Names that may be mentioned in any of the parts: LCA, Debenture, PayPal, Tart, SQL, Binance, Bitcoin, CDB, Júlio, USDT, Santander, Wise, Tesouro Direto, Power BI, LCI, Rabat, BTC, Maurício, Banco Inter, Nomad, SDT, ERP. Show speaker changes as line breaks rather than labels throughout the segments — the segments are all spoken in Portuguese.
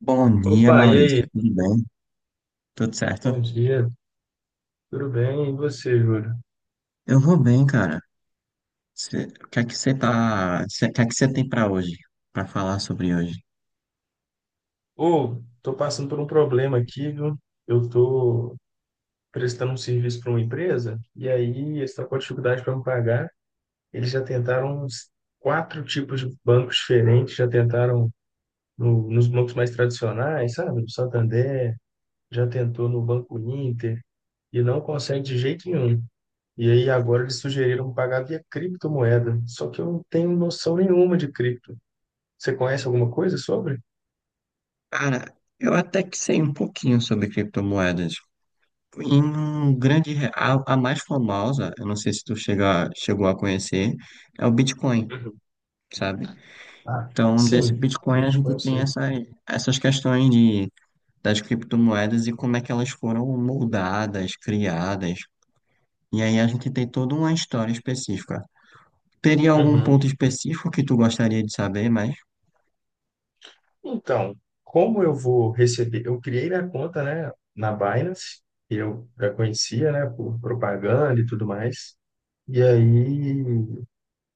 Bom dia,
Opa, e aí?
Maurício. Tudo bem? Tudo certo?
Bom dia, tudo bem? E você, Júlio?
Eu vou bem, cara. O que é que você tem para hoje, para falar sobre hoje?
Ô, tô passando por um problema aqui, viu? Eu tô prestando um serviço para uma empresa e aí eles estão com dificuldade para me pagar. Eles já tentaram uns quatro tipos de bancos diferentes, já tentaram nos bancos mais tradicionais, sabe? No Santander, já tentou no Banco Inter e não consegue de jeito nenhum. E aí agora eles sugeriram pagar via criptomoeda, só que eu não tenho noção nenhuma de cripto. Você conhece alguma coisa sobre?
Cara, eu até que sei um pouquinho sobre criptomoedas. Em um grande, a mais famosa, eu não sei se chegou a conhecer, é o Bitcoin,
Uhum.
sabe?
Ah,
Então, desse
sim,
Bitcoin a
Bitcoin
gente
eu
tem
sei.
essas questões das criptomoedas e como é que elas foram moldadas, criadas. E aí a gente tem toda uma história específica. Teria algum
Uhum.
ponto específico que tu gostaria de saber, mas
Então, como eu vou receber? Eu criei minha conta, né, na Binance, que eu já conhecia, né, por propaganda e tudo mais. E aí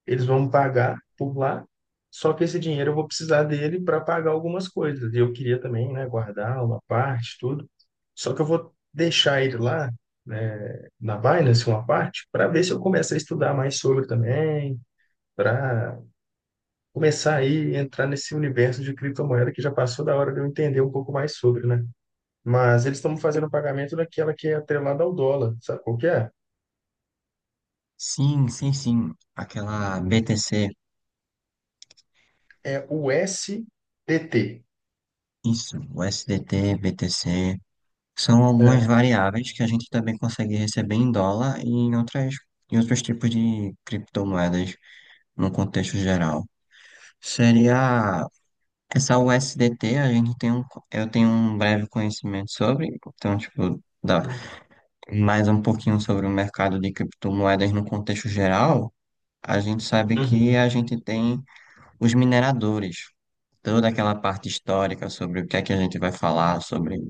eles vão me pagar por lá, só que esse dinheiro eu vou precisar dele para pagar algumas coisas. E eu queria também, né, guardar uma parte, tudo. Só que eu vou deixar ele lá, né, na Binance, uma parte, para ver se eu começo a estudar mais sobre também, para começar aí a entrar nesse universo de criptomoeda que já passou da hora de eu entender um pouco mais sobre, né? Mas eles estão fazendo pagamento daquela que é atrelada ao dólar, sabe qual que é?
sim, sim, sim. Aquela BTC,
É o SDT.
isso, o SDT, BTC, são algumas
É.
variáveis que a gente também consegue receber em dólar e em outras, em outros tipos de criptomoedas no contexto geral. Seria essa USDT, a gente tem um, eu tenho um breve conhecimento sobre, então, tipo, dá mais um pouquinho sobre o mercado de criptomoedas no contexto geral. A gente sabe que
Uhum,
a gente tem os mineradores, toda aquela parte histórica sobre o que é que a gente vai falar, sobre o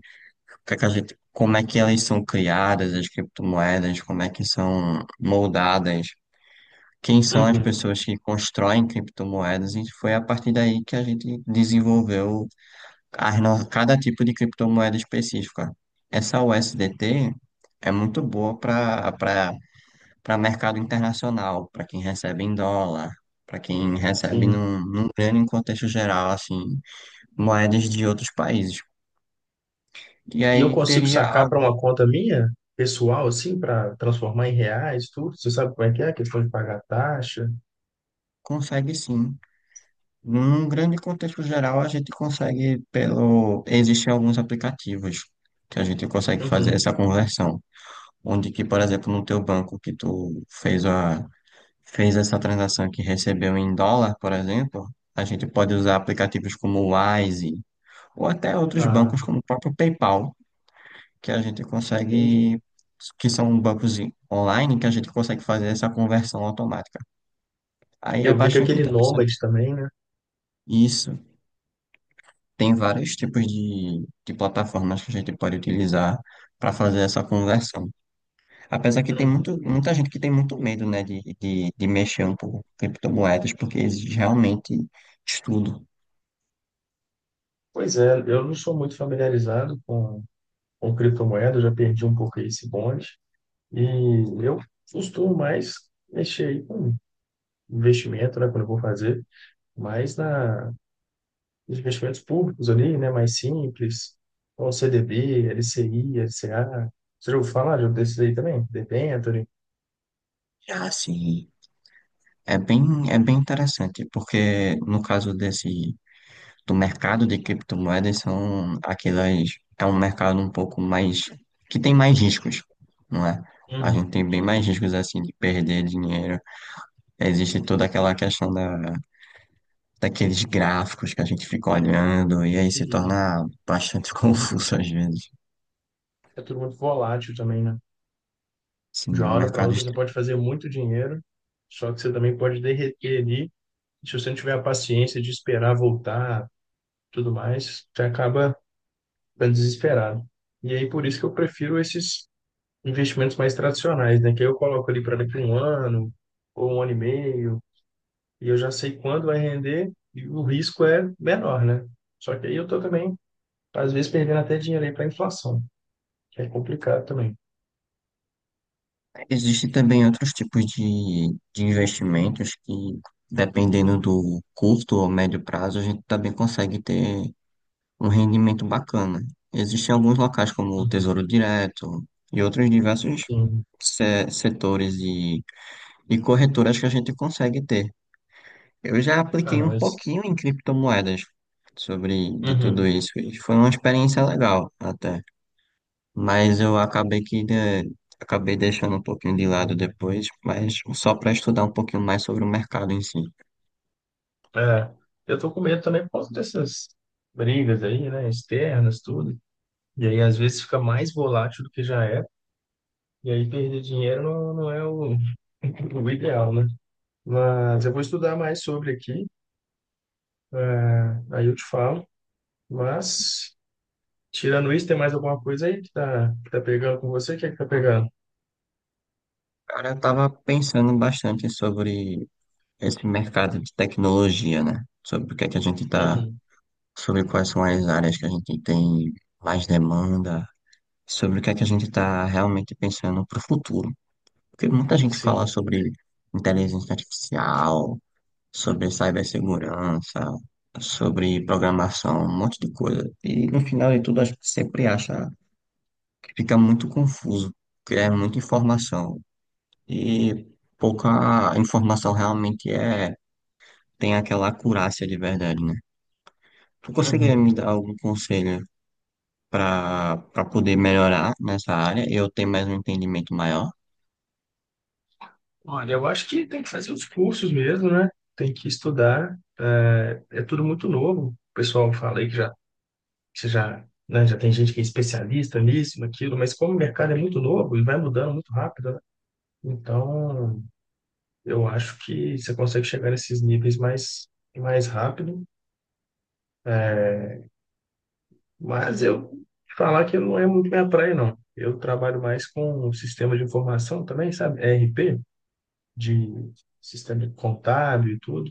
que é que a gente, como é que elas são criadas, as criptomoedas, como é que são moldadas, quem são as
uhum,
pessoas que constroem criptomoedas, e foi a partir daí que a gente desenvolveu as cada tipo de criptomoeda específica. Essa USDT é muito boa para mercado internacional, para quem recebe em dólar, para quem recebe
sim.
num grande contexto geral, assim, moedas de outros países. E
E eu
aí
consigo
teria
sacar para
algo,
uma conta minha, pessoal, assim, para transformar em reais, tudo? Você sabe como é que é a questão de pagar taxa?
consegue sim. Num grande contexto geral, a gente consegue pelo. Existem alguns aplicativos que a gente consegue fazer
Uhum.
essa conversão. Onde que, por exemplo, no teu banco que tu fez a fez essa transação que recebeu em dólar, por exemplo, a gente pode usar aplicativos como o Wise ou até outros
Ah,
bancos como o próprio PayPal, que a gente
entendi.
que são bancos online, que a gente consegue fazer essa conversão automática. Aí é
Eu vi que
bastante
aquele Nomad
interessante.
também, né?
Isso. Tem vários tipos de plataformas que a gente pode utilizar para fazer essa conversão. Apesar que tem
Uhum.
muita gente que tem muito medo, né, de mexer um pouco com criptomoedas, porque exige realmente estudo.
Pois é, eu não sou muito familiarizado com criptomoeda, eu já perdi um pouco esse bonde. E eu costumo mais mexer aí com investimento, né, quando eu vou fazer, mais na, nos investimentos públicos ali, né, mais simples, como CDB, LCI, LCA. Você já ouviu falar um desses aí também? Debenture.
Ah, assim, é bem, é bem interessante, porque no caso desse, do mercado de criptomoedas, são aquelas, é um mercado um pouco mais, que tem mais riscos, não é? A gente
Uhum.
tem bem mais riscos assim de perder dinheiro. Existe toda aquela questão daqueles gráficos que a gente fica olhando e aí se
Uhum.
torna bastante confuso às vezes.
É tudo muito volátil também, né? De
Sim, é
uma
um
hora para
mercado.
outra você pode fazer muito dinheiro, só que você também pode derreter ali. Se você não tiver a paciência de esperar voltar, tudo mais, você acaba para desesperado. E aí por isso que eu prefiro esses investimentos mais tradicionais, né? Que aí eu coloco ali para daqui a um ano ou um ano e meio, e eu já sei quando vai render e o risco é menor, né? Só que aí eu tô também, às vezes, perdendo até dinheiro aí para inflação, que é complicado também.
Existem também outros tipos de investimentos que, dependendo do curto ou médio prazo, a gente também consegue ter um rendimento bacana. Existem alguns locais como o
Uhum.
Tesouro Direto e outros diversos
Sim.
setores e corretoras que a gente consegue ter. Eu já
Ah,
apliquei
não,
um
mas...
pouquinho em criptomoedas sobre de tudo
Uhum.
isso e foi uma experiência legal até, mas eu acabei que né, acabei deixando um pouquinho de lado depois, mas só para estudar um pouquinho mais sobre o mercado em si.
É, eu tô com medo também por causa dessas brigas aí, né? Externas, tudo. E aí, às vezes, fica mais volátil do que já era. E aí perder dinheiro não, não é o, o ideal, né? Mas eu vou estudar mais sobre aqui, é, aí eu te falo. Mas, tirando isso, tem mais alguma coisa aí que tá, pegando com você? O que é que tá pegando?
Cara, eu tava pensando bastante sobre esse mercado de tecnologia, né? Sobre o que é que a gente tá,
Uhum.
sobre quais são as áreas que a gente tem mais demanda, sobre o que é que a gente tá realmente pensando para o futuro. Porque muita gente fala
Sim.
sobre inteligência artificial, sobre cibersegurança, sobre programação, um monte de coisa. E no final de tudo, a gente sempre acha que fica muito confuso, porque é muita informação. E pouca informação realmente é, tem aquela acurácia de verdade, né? Tu conseguiria me
Uhum.
dar algum conselho para poder melhorar nessa área e eu ter mais um entendimento maior?
Olha, eu acho que tem que fazer os cursos mesmo, né? Tem que estudar. É, é tudo muito novo. O pessoal fala aí que já, né, já tem gente que é especialista nisso, naquilo, mas como o mercado é muito novo e vai mudando muito rápido, né? Então, eu acho que você consegue chegar nesses níveis mais rápido, mas eu falar que não é muito minha praia, não. Eu trabalho mais com o sistema de informação também, sabe? ERP, de sistema contábil e tudo.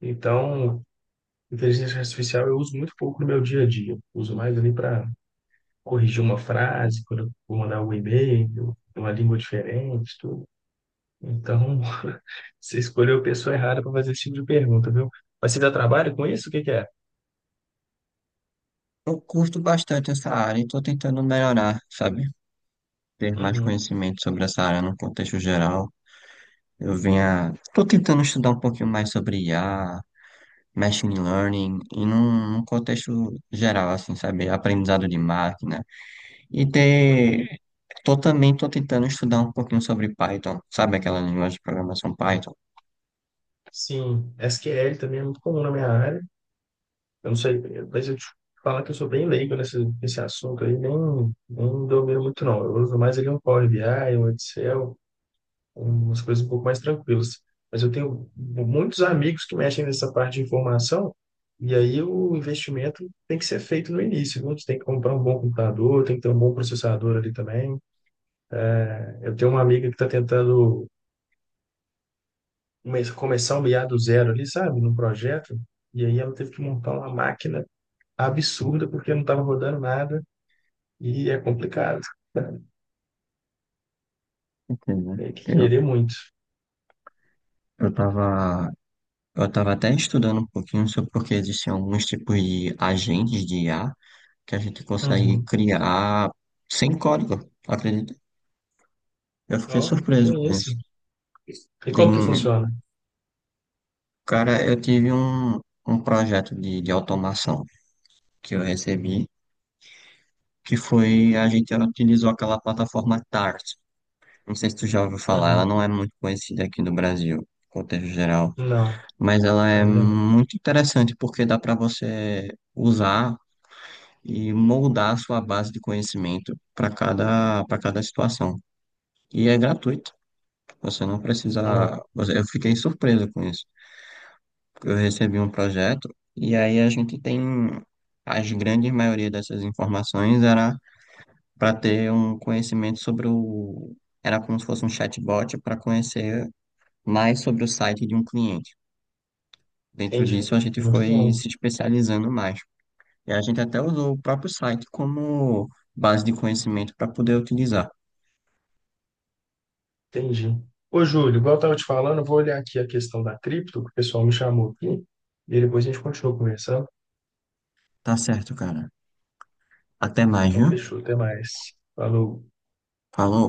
Então, inteligência artificial eu uso muito pouco no meu dia a dia. Uso mais ali para corrigir uma frase, quando eu vou mandar um e-mail, uma língua diferente, tudo. Então, você escolheu a pessoa errada para fazer esse tipo de pergunta, viu? Mas você dá trabalho com isso? O que que é?
Eu curto bastante essa área e estou tentando melhorar, sabe? Ter mais
Uhum.
conhecimento sobre essa área no contexto geral. Tô tentando estudar um pouquinho mais sobre IA, machine learning, e num contexto geral, assim, sabe? Aprendizado de máquina. E
Uhum.
ter, tô tentando estudar um pouquinho sobre Python, sabe aquela linguagem de programação Python?
Sim, SQL também é muito comum na minha área. Eu não sei, mas eu te falo que eu sou bem leigo nesse assunto aí, nem domino muito não. Eu uso mais ali um Power BI, um Excel, umas coisas um pouco mais tranquilas. Mas eu tenho muitos amigos que mexem nessa parte de informação, e aí o investimento tem que ser feito no início, viu? Você tem que comprar um bom computador, tem que ter um bom processador ali também. Eu tenho uma amiga que está tentando começar o IA do zero ali, sabe, no projeto. E aí ela teve que montar uma máquina absurda porque não estava rodando nada e é complicado.
Entendeu?
Tem que querer muito.
Eu tava, eu tava até estudando um pouquinho sobre porque existem alguns tipos de agentes de IA que a gente consegue
Uhum.
criar sem código. Acredito. Eu fiquei
Ó, que
surpreso
é
com
isso?
isso.
E como que
Tem-
funciona?
cara, um projeto de automação que eu recebi, que foi, a gente utilizou aquela plataforma Tart. Não sei se tu já ouviu falar, ela
Uhum.
não é muito conhecida aqui no Brasil, contexto geral,
Não,
mas ela é
ainda não.
muito interessante porque dá para você usar e moldar a sua base de conhecimento para cada situação. E é gratuito, você não precisa.
Ó,
Eu fiquei surpreso com isso. Eu recebi um projeto e aí a gente tem as grandes maioria dessas informações era para ter um conhecimento sobre o, era como se fosse um chatbot para conhecer mais sobre o site de um cliente. Dentro
entendi.
disso a gente
Muito
foi
bom.
se especializando mais. E a gente até usou o próprio site como base de conhecimento para poder utilizar.
Entendi. Ô, Júlio, igual eu estava te falando, eu vou olhar aqui a questão da cripto, que o pessoal me chamou aqui, e depois a gente continua conversando.
Tá certo, cara. Até mais,
Então,
viu?
fechou. Até mais. Falou.
Falou.